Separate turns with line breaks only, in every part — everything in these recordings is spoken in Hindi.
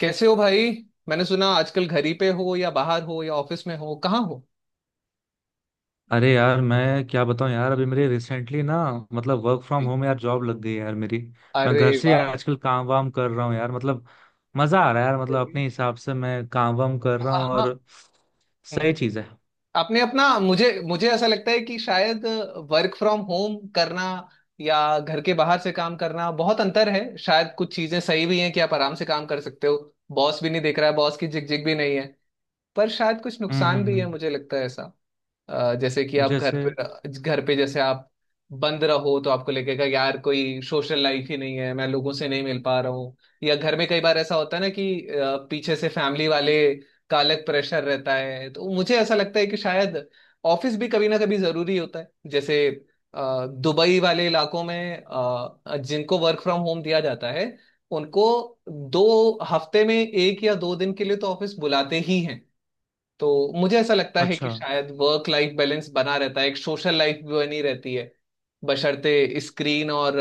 कैसे हो भाई। मैंने सुना आजकल घर ही पे हो या बाहर हो या ऑफिस में हो, कहाँ हो?
अरे यार, मैं क्या बताऊं यार। अभी मेरे रिसेंटली ना, मतलब वर्क फ्रॉम
जी।
होम यार, जॉब लग गई है यार मेरी। मैं
अरे
घर से
वाह।
आजकल काम वाम कर रहा हूँ यार। मतलब मजा आ रहा है यार, मतलब
चलिए।
अपने हिसाब से मैं काम वाम कर रहा हूँ,
हाँ।
और
हम्म,
सही
हम्म।
चीज है।
आपने अपना, मुझे मुझे ऐसा लगता है कि शायद वर्क फ्रॉम होम करना या घर के बाहर से काम करना, बहुत अंतर है। शायद कुछ चीजें सही भी हैं कि आप आराम से काम कर सकते हो, बॉस भी नहीं देख रहा है, बॉस की झिकझिक भी नहीं है। पर शायद कुछ
हम्म,
नुकसान
हम्म,
भी है,
हम्म।
मुझे लगता है ऐसा। जैसे कि आप
जैसे।
घर पे जैसे आप बंद रहो तो आपको लगेगा यार कोई सोशल लाइफ ही नहीं है, मैं लोगों से नहीं मिल पा रहा हूँ। या घर में कई बार ऐसा होता है ना कि पीछे से फैमिली वाले का अलग प्रेशर रहता है। तो मुझे ऐसा लगता है कि शायद ऑफिस भी कभी ना कभी जरूरी होता है। जैसे दुबई वाले इलाकों में जिनको वर्क फ्रॉम होम दिया जाता है, उनको 2 हफ्ते में 1 या 2 दिन के लिए तो ऑफिस बुलाते ही हैं। तो मुझे ऐसा लगता है कि
अच्छा।
शायद वर्क लाइफ बैलेंस बना रहता है, एक सोशल लाइफ भी बनी रहती है बशर्ते स्क्रीन और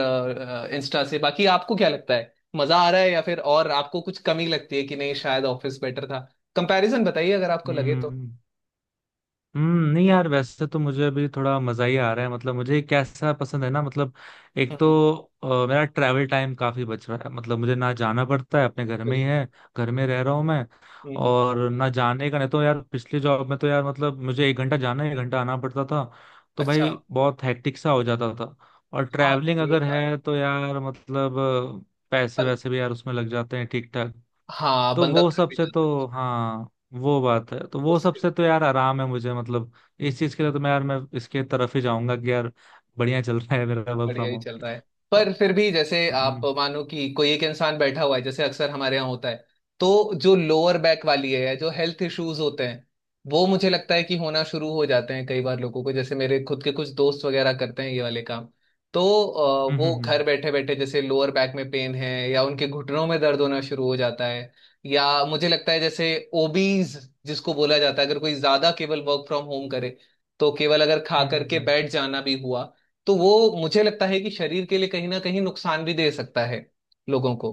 इंस्टा से। बाकी आपको क्या लगता है, मजा आ रहा है या फिर और आपको कुछ कमी लगती है कि नहीं, शायद ऑफिस बेटर था? कंपैरिजन बताइए अगर आपको लगे तो।
हम्म, हम्म। नहीं यार, वैसे तो मुझे अभी थोड़ा मजा ही आ रहा है। मतलब मुझे कैसा पसंद है ना, मतलब एक तो
हम्म।
मेरा ट्रैवल टाइम काफी बच रहा है। मतलब मुझे ना जाना पड़ता है, अपने घर में ही
बिल्कुल।
है, घर में रह रहा हूँ मैं।
हम्म।
और ना जाने का, नहीं तो यार पिछले जॉब में तो यार, मतलब मुझे 1 घंटा जाना 1 घंटा आना पड़ता था। तो
अच्छा।
भाई बहुत हैक्टिक सा हो जाता था। और
हाँ,
ट्रैवलिंग
ये
अगर
बात।
है तो यार, मतलब पैसे
बन,
वैसे भी यार उसमें लग जाते हैं ठीक ठाक।
हाँ,
तो
बंदा
वो
थक भी
सबसे
जाता है।
तो, हाँ, वो बात है। तो वो
उसके।
सबसे तो यार आराम है मुझे। मतलब इस चीज के लिए तो मैं यार, मैं इसके तरफ ही जाऊंगा कि यार बढ़िया चल रहा है मेरा वर्क
बढ़िया
फ्रॉम
ही चल
होम।
रहा है। पर फिर भी, जैसे आप
हम्म,
मानो कि कोई एक इंसान बैठा हुआ है जैसे अक्सर हमारे यहाँ होता है, तो जो लोअर बैक वाली है या जो हेल्थ इश्यूज होते हैं, वो मुझे लगता है कि होना शुरू हो जाते हैं कई बार लोगों को, जैसे मेरे खुद के कुछ दोस्त वगैरह करते हैं ये वाले काम। तो
हम्म,
वो
हम्म,
घर बैठे बैठे जैसे लोअर बैक में पेन है या उनके घुटनों में दर्द होना शुरू हो जाता है। या मुझे लगता है जैसे ओबीज जिसको बोला जाता है, अगर कोई ज्यादा केवल वर्क फ्रॉम होम करे, तो केवल अगर खा
हम्म,
करके बैठ जाना भी हुआ, तो वो मुझे लगता है कि शरीर के लिए कहीं ना कहीं नुकसान भी दे सकता है लोगों को,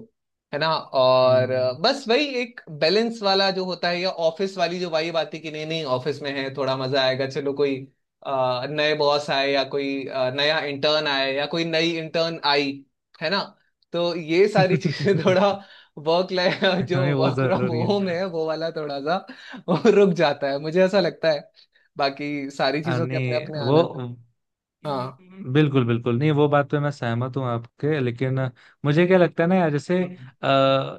है ना। और
हम्म,
बस वही एक बैलेंस वाला जो होता है, या ऑफिस वाली जो वाइब आती है कि नहीं नहीं, ऑफिस में है थोड़ा मजा आएगा, चलो कोई नए बॉस आए या कोई नया इंटर्न आए या कोई नई इंटर्न आई, है ना। तो ये सारी चीजें
हम्म।
थोड़ा वर्क लाइफ, जो
हमें वो
वर्क फ्रॉम
जरूरी
होम
है।
है वो वाला थोड़ा सा वो रुक जाता है, मुझे ऐसा लगता है। बाकी सारी चीजों के अपने
नहीं
अपने
वो,
आनंद।
बिल्कुल बिल्कुल। नहीं वो बात पे मैं सहमत हूँ आपके, लेकिन मुझे क्या लगता है ना यार, जैसे
हाँ।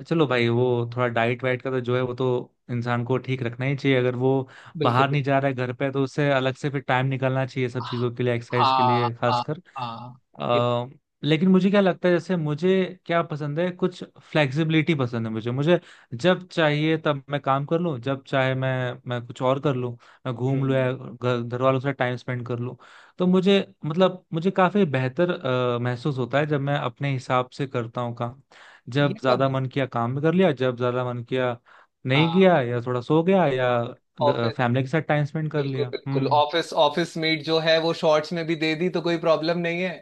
चलो भाई वो थोड़ा डाइट वाइट का तो जो है वो तो इंसान को ठीक रखना ही चाहिए, अगर वो
बिल्कुल।
बाहर नहीं जा रहा है, घर पे है, तो उसे अलग से फिर टाइम निकालना चाहिए सब चीज़ों के लिए, एक्सरसाइज के
हाँ,
लिए
हाँ,
खासकर।
हाँ। ये तो।
अ, लेकिन मुझे क्या लगता है, जैसे मुझे क्या पसंद है, कुछ फ्लेक्सिबिलिटी पसंद है मुझे मुझे जब चाहिए तब मैं काम कर लूँ, जब चाहे मैं कुछ और कर लूँ, मैं घूम लूँ
हम्म।
या घर घर वालों के साथ टाइम स्पेंड कर लूँ। तो मुझे, मतलब मुझे काफी बेहतर महसूस होता है जब मैं अपने हिसाब से करता हूँ काम।
ये
जब
तो
ज्यादा
है।
मन किया काम भी कर लिया, जब ज्यादा मन किया नहीं
हाँ,
किया, या थोड़ा सो गया, या
हाँ। ऑफिस।
फैमिली के साथ टाइम स्पेंड कर
बिल्कुल
लिया।
बिल्कुल।
हम्म,
ऑफिस, ऑफिस मीट जो है वो शॉर्ट्स में भी दे दी तो कोई प्रॉब्लम नहीं है,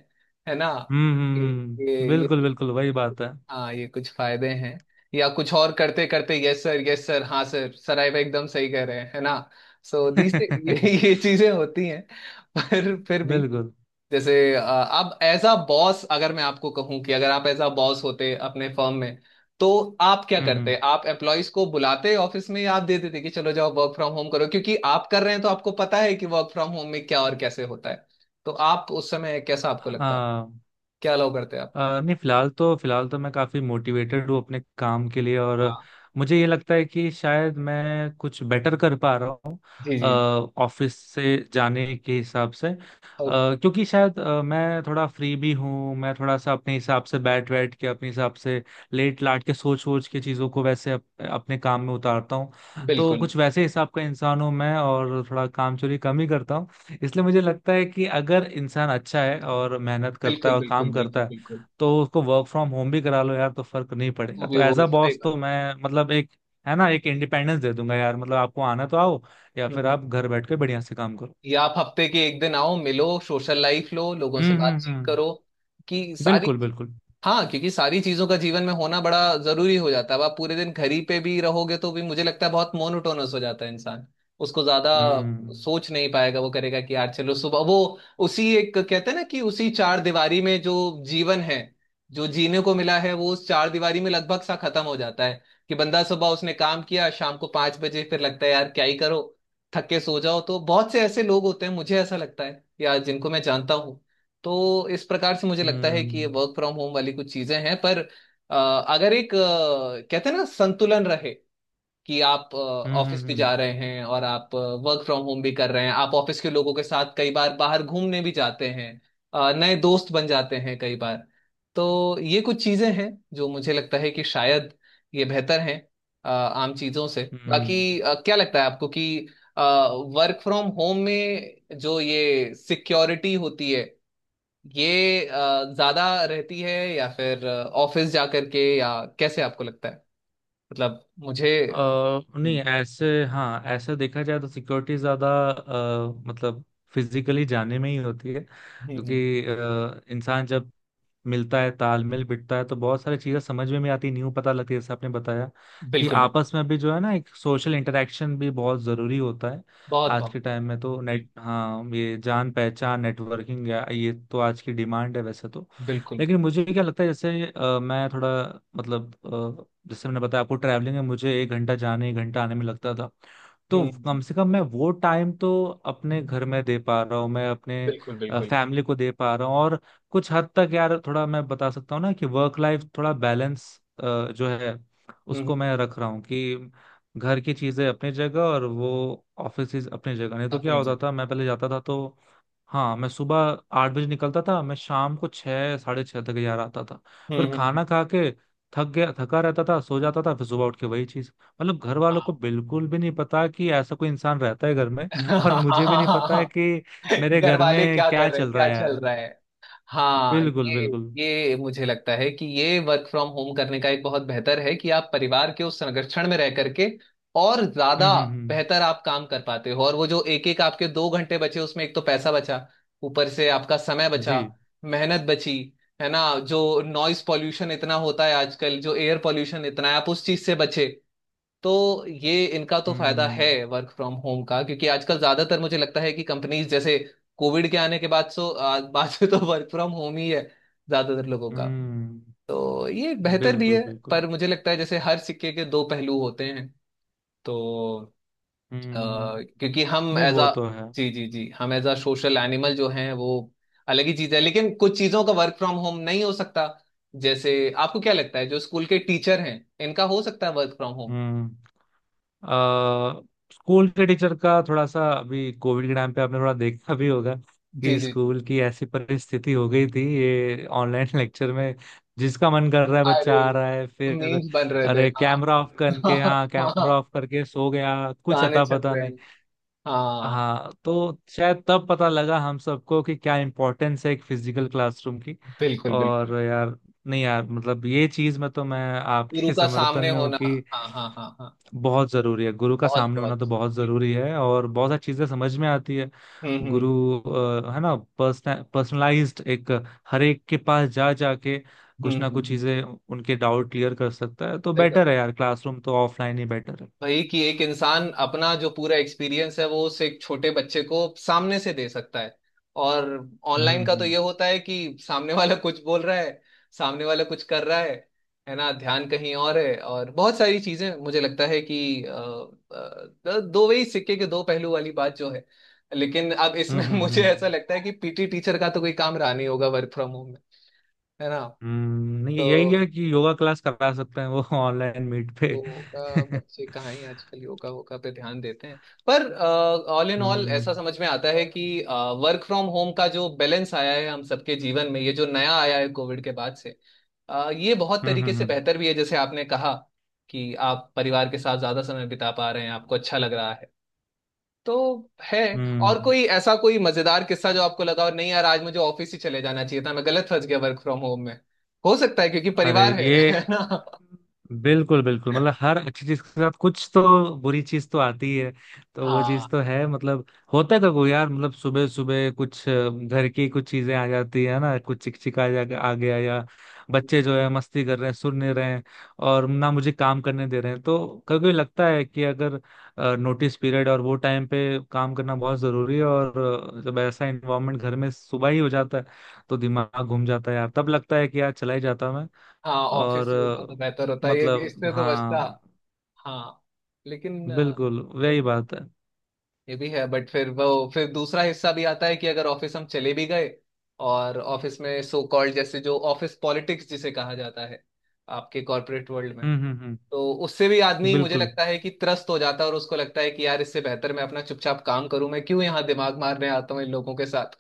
है ना।
हम्म,
ये
हम्म,
ये
बिल्कुल बिल्कुल वही बात है।
हाँ, ये कुछ फायदे हैं या कुछ और करते करते, यस सर, यस सर, हाँ सर, सर, आप एकदम सही कह रहे हैं, है ना। सो these ये ये चीजें होती हैं। पर फिर भी,
बिल्कुल।
जैसे आप एज अ बॉस, अगर मैं आपको कहूं कि अगर आप एज अ बॉस होते अपने फर्म में, तो आप क्या
हम्म, हम्म।
करते, आप एम्प्लॉयज को बुलाते ऑफिस में या आप दे देते कि चलो जाओ वर्क फ्रॉम होम करो, क्योंकि आप कर रहे हैं तो आपको पता है कि वर्क फ्रॉम होम में क्या और कैसे होता है। तो आप उस समय कैसा आपको लगता?
हाँ।
क्या अलाउ करते आप?
नहीं फिलहाल तो, फिलहाल तो मैं काफी मोटिवेटेड हूँ अपने काम के लिए, और
हाँ।
मुझे ये लगता है कि शायद मैं कुछ बेटर कर पा रहा हूँ
जी जी।
ऑफिस से जाने के हिसाब से।
ओ।
क्योंकि शायद मैं थोड़ा फ्री भी हूँ, मैं थोड़ा सा अपने हिसाब से बैठ बैठ के, अपने हिसाब से लेट लाट के, सोच सोच के चीज़ों को वैसे अपने काम में उतारता हूँ। तो
बिल्कुल
कुछ वैसे हिसाब का इंसान हूँ मैं, और थोड़ा काम चोरी कम ही करता हूँ, इसलिए मुझे लगता है कि अगर इंसान अच्छा है और मेहनत करता है
बिल्कुल
और
बिल्कुल
काम
बिल्कुल
करता है,
बिल्कुल।
तो उसको वर्क फ्रॉम होम भी करा लो यार तो फर्क नहीं
वो
पड़ेगा।
भी,
तो एज
वो
अ
सही
बॉस तो
बात
मैं, मतलब एक है ना, एक इंडिपेंडेंस दे दूंगा यार, मतलब आपको आना तो आओ, या
है।
फिर
हम्म।
आप घर बैठ के बढ़िया से काम करो।
या आप हफ्ते के एक दिन आओ, मिलो, सोशल लाइफ लो, लोगों से
हम्म, हम्म,
बातचीत
हम्म,
करो, कि सारी।
बिल्कुल बिल्कुल।
हाँ क्योंकि सारी चीजों का जीवन में होना बड़ा जरूरी हो जाता है। अब आप पूरे दिन घर ही पे भी रहोगे तो भी मुझे लगता है बहुत मोनोटोनस हो जाता है इंसान, उसको ज्यादा
हम्म,
सोच नहीं पाएगा, वो करेगा कि यार चलो सुबह वो उसी एक, कहते हैं ना कि उसी चार दीवारी में जो जीवन है, जो जीने को मिला है, वो उस चार दीवारी में लगभग सा खत्म हो जाता है। कि बंदा सुबह उसने काम किया, शाम को 5 बजे फिर लगता है यार क्या ही करो, थक के सो जाओ। तो बहुत से ऐसे लोग होते हैं मुझे ऐसा लगता है यार जिनको मैं जानता हूँ। तो इस प्रकार से मुझे लगता है कि ये
हम्म,
वर्क फ्रॉम होम वाली कुछ चीजें हैं। पर अ, अगर एक, कहते हैं ना, संतुलन रहे, कि आप
हम्म, हम्म,
ऑफिस भी जा
हम्म,
रहे हैं और आप वर्क फ्रॉम होम भी कर रहे हैं, आप ऑफिस के लोगों के साथ कई बार बाहर घूमने भी जाते हैं, नए दोस्त बन जाते हैं कई बार, तो ये कुछ चीजें हैं जो मुझे लगता है कि शायद ये बेहतर हैं आम चीजों से।
हम्म।
बाकी क्या लगता है आपको कि वर्क फ्रॉम होम में जो ये सिक्योरिटी होती है, ये ज्यादा रहती है या फिर ऑफिस जा करके, या कैसे आपको लगता है, मतलब मुझे।
नहीं
हम्म।
ऐसे, हाँ, ऐसा देखा जाए तो सिक्योरिटी ज़्यादा, मतलब फिजिकली जाने में ही होती है।
हम्म,
क्योंकि इंसान जब मिलता है, तालमेल बिठता है, तो बहुत सारी चीज़ें समझ में भी आती है, न्यू पता लगती है, जैसे आपने बताया कि
बिल्कुल बिल्कुल।
आपस में भी जो है ना, एक सोशल इंटरेक्शन भी बहुत ज़रूरी होता है।
बहुत
आज
बहुत।
के टाइम में तो नेट,
बिल्कुल
हाँ, ये जान पहचान, नेटवर्किंग, ये तो आज की डिमांड है वैसे तो।
बिल्कुल।
लेकिन मुझे क्या लगता है, जैसे मैं थोड़ा, मतलब जैसे मैंने बताया आपको, ट्रैवलिंग में मुझे 1 घंटा जाने 1 घंटा आने में लगता था। तो कम
हम्म,
से कम मैं वो टाइम तो अपने घर में दे पा रहा हूँ, मैं अपने
बिल्कुल बिल्कुल।
फैमिली को दे पा रहा हूँ, और कुछ हद तक यार, थोड़ा मैं बता सकता हूँ ना, कि वर्क लाइफ थोड़ा बैलेंस जो है, उसको
हम्म,
मैं रख रहा हूँ, कि घर की चीजें अपनी जगह और वो ऑफिस अपनी जगह। नहीं तो क्या
अपनी
होता
जगह।
था, मैं पहले जाता था तो, हाँ, मैं सुबह 8 बजे निकलता था, मैं शाम को 6, 6:30 तक ही आ रहा था। पर
हम्म, हम्म,
खाना खा के थक गया, थका रहता था, सो जाता था, फिर सुबह उठ के वही चीज। मतलब घर वालों
हाँ।
को बिल्कुल भी नहीं पता कि ऐसा कोई इंसान रहता है घर में और मुझे भी नहीं पता है कि मेरे
घर
घर
वाले
में
क्या कर
क्या
रहे हैं,
चल रहा
क्या
है यार।
चल रहा है। हाँ।
बिल्कुल
ये
बिल्कुल।
ये मुझे लगता है कि ये वर्क फ्रॉम होम करने का एक बहुत बेहतर है कि आप परिवार के उस संरक्षण में रह करके और
हम्म,
ज्यादा
हम्म, हम्म।
बेहतर आप काम कर पाते हो। और वो जो एक एक आपके 2 घंटे बचे, उसमें एक तो पैसा बचा, ऊपर से आपका समय
जी।
बचा, मेहनत बची, है ना। जो नॉइस पॉल्यूशन इतना होता है आजकल, जो एयर पॉल्यूशन इतना है, आप उस चीज से बचे, तो ये इनका तो फायदा है
हम्म,
वर्क फ्रॉम होम का। क्योंकि आजकल ज्यादातर मुझे लगता है कि कंपनीज जैसे कोविड के आने के बाद, सो बाद से तो वर्क फ्रॉम होम ही है ज्यादातर लोगों का,
हम्म,
तो ये बेहतर भी
बिल्कुल
है।
बिल्कुल।
पर मुझे लगता है जैसे हर सिक्के के दो पहलू होते हैं तो अ,
हम्म।
क्योंकि हम
नहीं
एज
वो
अ,
तो है।
जी जी जी, हम एज अ सोशल एनिमल जो हैं, वो अलग ही चीज है। लेकिन कुछ चीजों का वर्क फ्रॉम होम नहीं हो सकता जैसे, आपको क्या लगता है जो स्कूल के टीचर हैं, इनका हो सकता है वर्क फ्रॉम होम?
हम्म। अ, स्कूल के टीचर का थोड़ा सा, अभी कोविड के टाइम पे आपने थोड़ा देखा भी होगा
जी
कि
जी।
स्कूल की ऐसी परिस्थिति हो गई थी, ये ऑनलाइन लेक्चर में जिसका मन कर रहा है बच्चा
अरे,
आ रहा है। फिर
मीम्स बन रहे थे,
अरे
हाँ।
कैमरा ऑफ करके, हाँ
हाँ।
कैमरा
हाँ,
ऑफ करके सो गया, कुछ
गाने
अता
चल
पता
रहे
नहीं।
हैं। हाँ।
हाँ तो शायद तब पता लगा हम सबको कि क्या इम्पोर्टेंस है एक फिजिकल क्लासरूम की।
बिल्कुल बिल्कुल।
और यार, नहीं यार, मतलब ये चीज में तो मैं
गुरु
आपके
का
समर्थन
सामने
में हूँ
होना,
कि
हाँ हाँ हाँ हाँ।
बहुत जरूरी है गुरु का
बहुत
सामने होना,
बहुत।
तो बहुत
बिल्कुल।
जरूरी है और बहुत सारी चीजें समझ में आती है।
हम्म हम्म
गुरु, है ना, पर्सनलाइज्ड एक, हर एक के पास जा जाके
हम्म।
कुछ ना
हम्म।
कुछ
हम्म।
चीजें, उनके डाउट क्लियर कर सकता है, तो
सही
बेटर है यार, क्लासरूम तो ऑफलाइन ही बेटर है।
भाई, कि एक इंसान अपना जो पूरा एक्सपीरियंस है वो उस एक छोटे बच्चे को सामने से दे सकता है। और ऑनलाइन
हम्म,
का तो
हम्म,
ये होता है कि सामने वाला कुछ बोल रहा है, सामने वाला कुछ कर रहा है ना, ध्यान कहीं और है, और बहुत सारी चीजें मुझे लगता है कि दो वही सिक्के के दो पहलू वाली बात जो है। लेकिन अब
हम्म,
इसमें
हम्म,
मुझे ऐसा
हम्म,
लगता है कि पीटी टीचर का तो कोई काम रहा नहीं होगा वर्क फ्रॉम होम में, है ना।
हम्म। नहीं
तो
यही है कि योगा क्लास करा सकते हैं वो ऑनलाइन मीट पे।
योगा, बच्चे कहाँ ही आजकल योगा वोगा पे ध्यान देते हैं। पर ऑल इन ऑल
हम्म,
ऐसा समझ में आता है कि वर्क फ्रॉम होम का जो बैलेंस आया है हम सबके जीवन में, ये जो नया आया है कोविड के बाद से, ये बहुत
हम्म,
तरीके
हम्म,
से
हम्म,
बेहतर भी है जैसे आपने कहा कि आप परिवार के साथ ज्यादा समय बिता पा रहे हैं, आपको अच्छा लग रहा है, तो है। और
हम्म।
कोई ऐसा कोई मजेदार किस्सा जो आपको लगा और नहीं यार, आज मुझे ऑफिस ही चले जाना चाहिए था, मैं गलत फंस गया वर्क फ्रॉम होम में, हो सकता है क्योंकि
अरे
परिवार है।
ये,
है ना।
बिल्कुल बिल्कुल, मतलब हर अच्छी चीज के साथ कुछ तो बुरी चीज तो आती है, तो वो
हाँ।
चीज तो है। मतलब होता है कभी यार, मतलब सुबह सुबह कुछ घर की कुछ चीजें आ जाती है ना, कुछ चिकचिक आ गया, या बच्चे जो है मस्ती कर रहे हैं, सुन नहीं रहे हैं, और ना मुझे काम करने दे रहे हैं, तो कभी कभी लगता है कि अगर नोटिस पीरियड और वो टाइम पे काम करना बहुत जरूरी है, और जब ऐसा इन्वायरमेंट घर में सुबह ही हो जाता है, तो दिमाग घूम जाता है यार, तब लगता है कि यार चला ही जाता।
हाँ,
और
ऑफिस ही होता तो बेहतर होता है, ये
मतलब
इससे तो बचता।
हाँ,
हाँ लेकिन
बिल्कुल
ये
वही
भी,
बात है।
ये भी है, बट फिर वो, फिर दूसरा हिस्सा भी आता है कि अगर ऑफिस हम चले भी गए और ऑफिस में सो कॉल्ड जैसे जो ऑफिस पॉलिटिक्स जिसे कहा जाता है आपके कॉर्पोरेट वर्ल्ड में,
हम्म, हम्म, हम्म,
तो उससे भी आदमी मुझे
बिल्कुल।
लगता है कि त्रस्त हो जाता है, और उसको लगता है कि यार इससे बेहतर मैं अपना चुपचाप काम करूं, मैं क्यों यहाँ दिमाग मारने आता हूँ इन लोगों के साथ,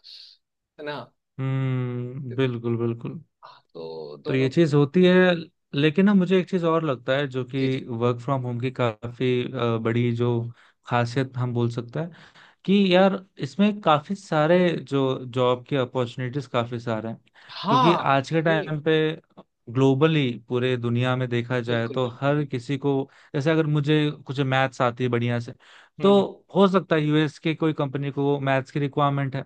है ना।
हम्म, बिल्कुल बिल्कुल।
हाँ, तो
तो
दोनों।
ये चीज होती है, लेकिन ना मुझे एक चीज और लगता है, जो
जी जी।
कि वर्क फ्रॉम होम की काफी बड़ी जो खासियत हम बोल सकते हैं, कि यार इसमें काफी सारे जो जॉब के अपॉर्चुनिटीज काफी सारे हैं, क्योंकि
हाँ।
आज के
ये
टाइम पे ग्लोबली पूरे दुनिया में देखा जाए
बिल्कुल
तो
बिल्कुल
हर
बिल्कुल।
किसी को, जैसे अगर मुझे कुछ मैथ्स आती है बढ़िया से, तो
हम्म।
हो सकता है यूएस के कोई कंपनी को मैथ्स की रिक्वायरमेंट है,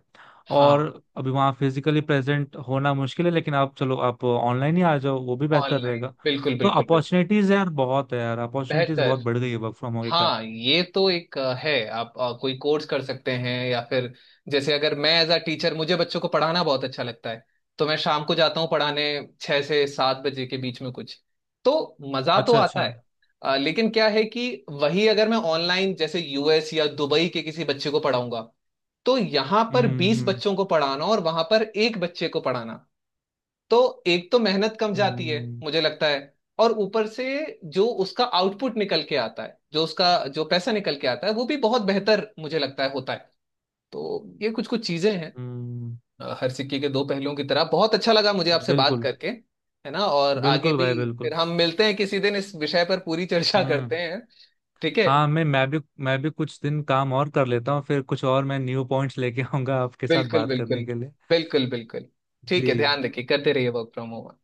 और
हाँ।
अभी वहाँ फिजिकली प्रेजेंट होना मुश्किल है, लेकिन आप चलो आप ऑनलाइन ही आ जाओ, वो भी बेहतर
ऑनलाइन,
रहेगा।
बिल्कुल
तो
बिल्कुल बिल्कुल,
अपॉर्चुनिटीज यार बहुत है यार, अपॉर्चुनिटीज
बेहतर।
बहुत बढ़ गई है वर्क फ्रॉम होम के कारण।
हाँ, ये तो एक है, आप कोई कोर्स कर सकते हैं या फिर जैसे अगर मैं एज अ टीचर, मुझे बच्चों को पढ़ाना बहुत अच्छा लगता है, तो मैं शाम को जाता हूँ पढ़ाने, 6 से 7 बजे के बीच में कुछ, तो मजा तो
अच्छा
आता
अच्छा।
है। लेकिन क्या है कि वही अगर मैं ऑनलाइन जैसे यूएस या दुबई के किसी बच्चे को पढ़ाऊंगा, तो यहाँ पर बीस
हम्म,
बच्चों को पढ़ाना और वहां पर एक बच्चे को पढ़ाना, तो एक तो मेहनत कम जाती है
हम्म,
मुझे लगता है। और ऊपर से जो उसका आउटपुट निकल के आता है, जो उसका जो पैसा निकल के आता है, वो भी बहुत बेहतर मुझे लगता है होता है। तो ये कुछ कुछ चीजें हैं
हम्म,
हर सिक्के के दो पहलुओं की तरह। बहुत अच्छा लगा मुझे आपसे बात
बिल्कुल
करके, है ना। और आगे
बिल्कुल
भी
भाई
फिर
बिल्कुल।
हम मिलते हैं किसी दिन, इस विषय पर पूरी चर्चा करते
हम्म,
हैं। ठीक है।
हाँ, मैं भी, मैं भी कुछ दिन काम और कर लेता हूँ, फिर कुछ और मैं न्यू पॉइंट्स लेके आऊंगा आपके साथ
बिल्कुल
बात
बिल्कुल
करने के लिए।
बिल्कुल बिल्कुल। ठीक
जी।
है, ध्यान रखिए, करते रहिए वर्क फ्रॉम होम।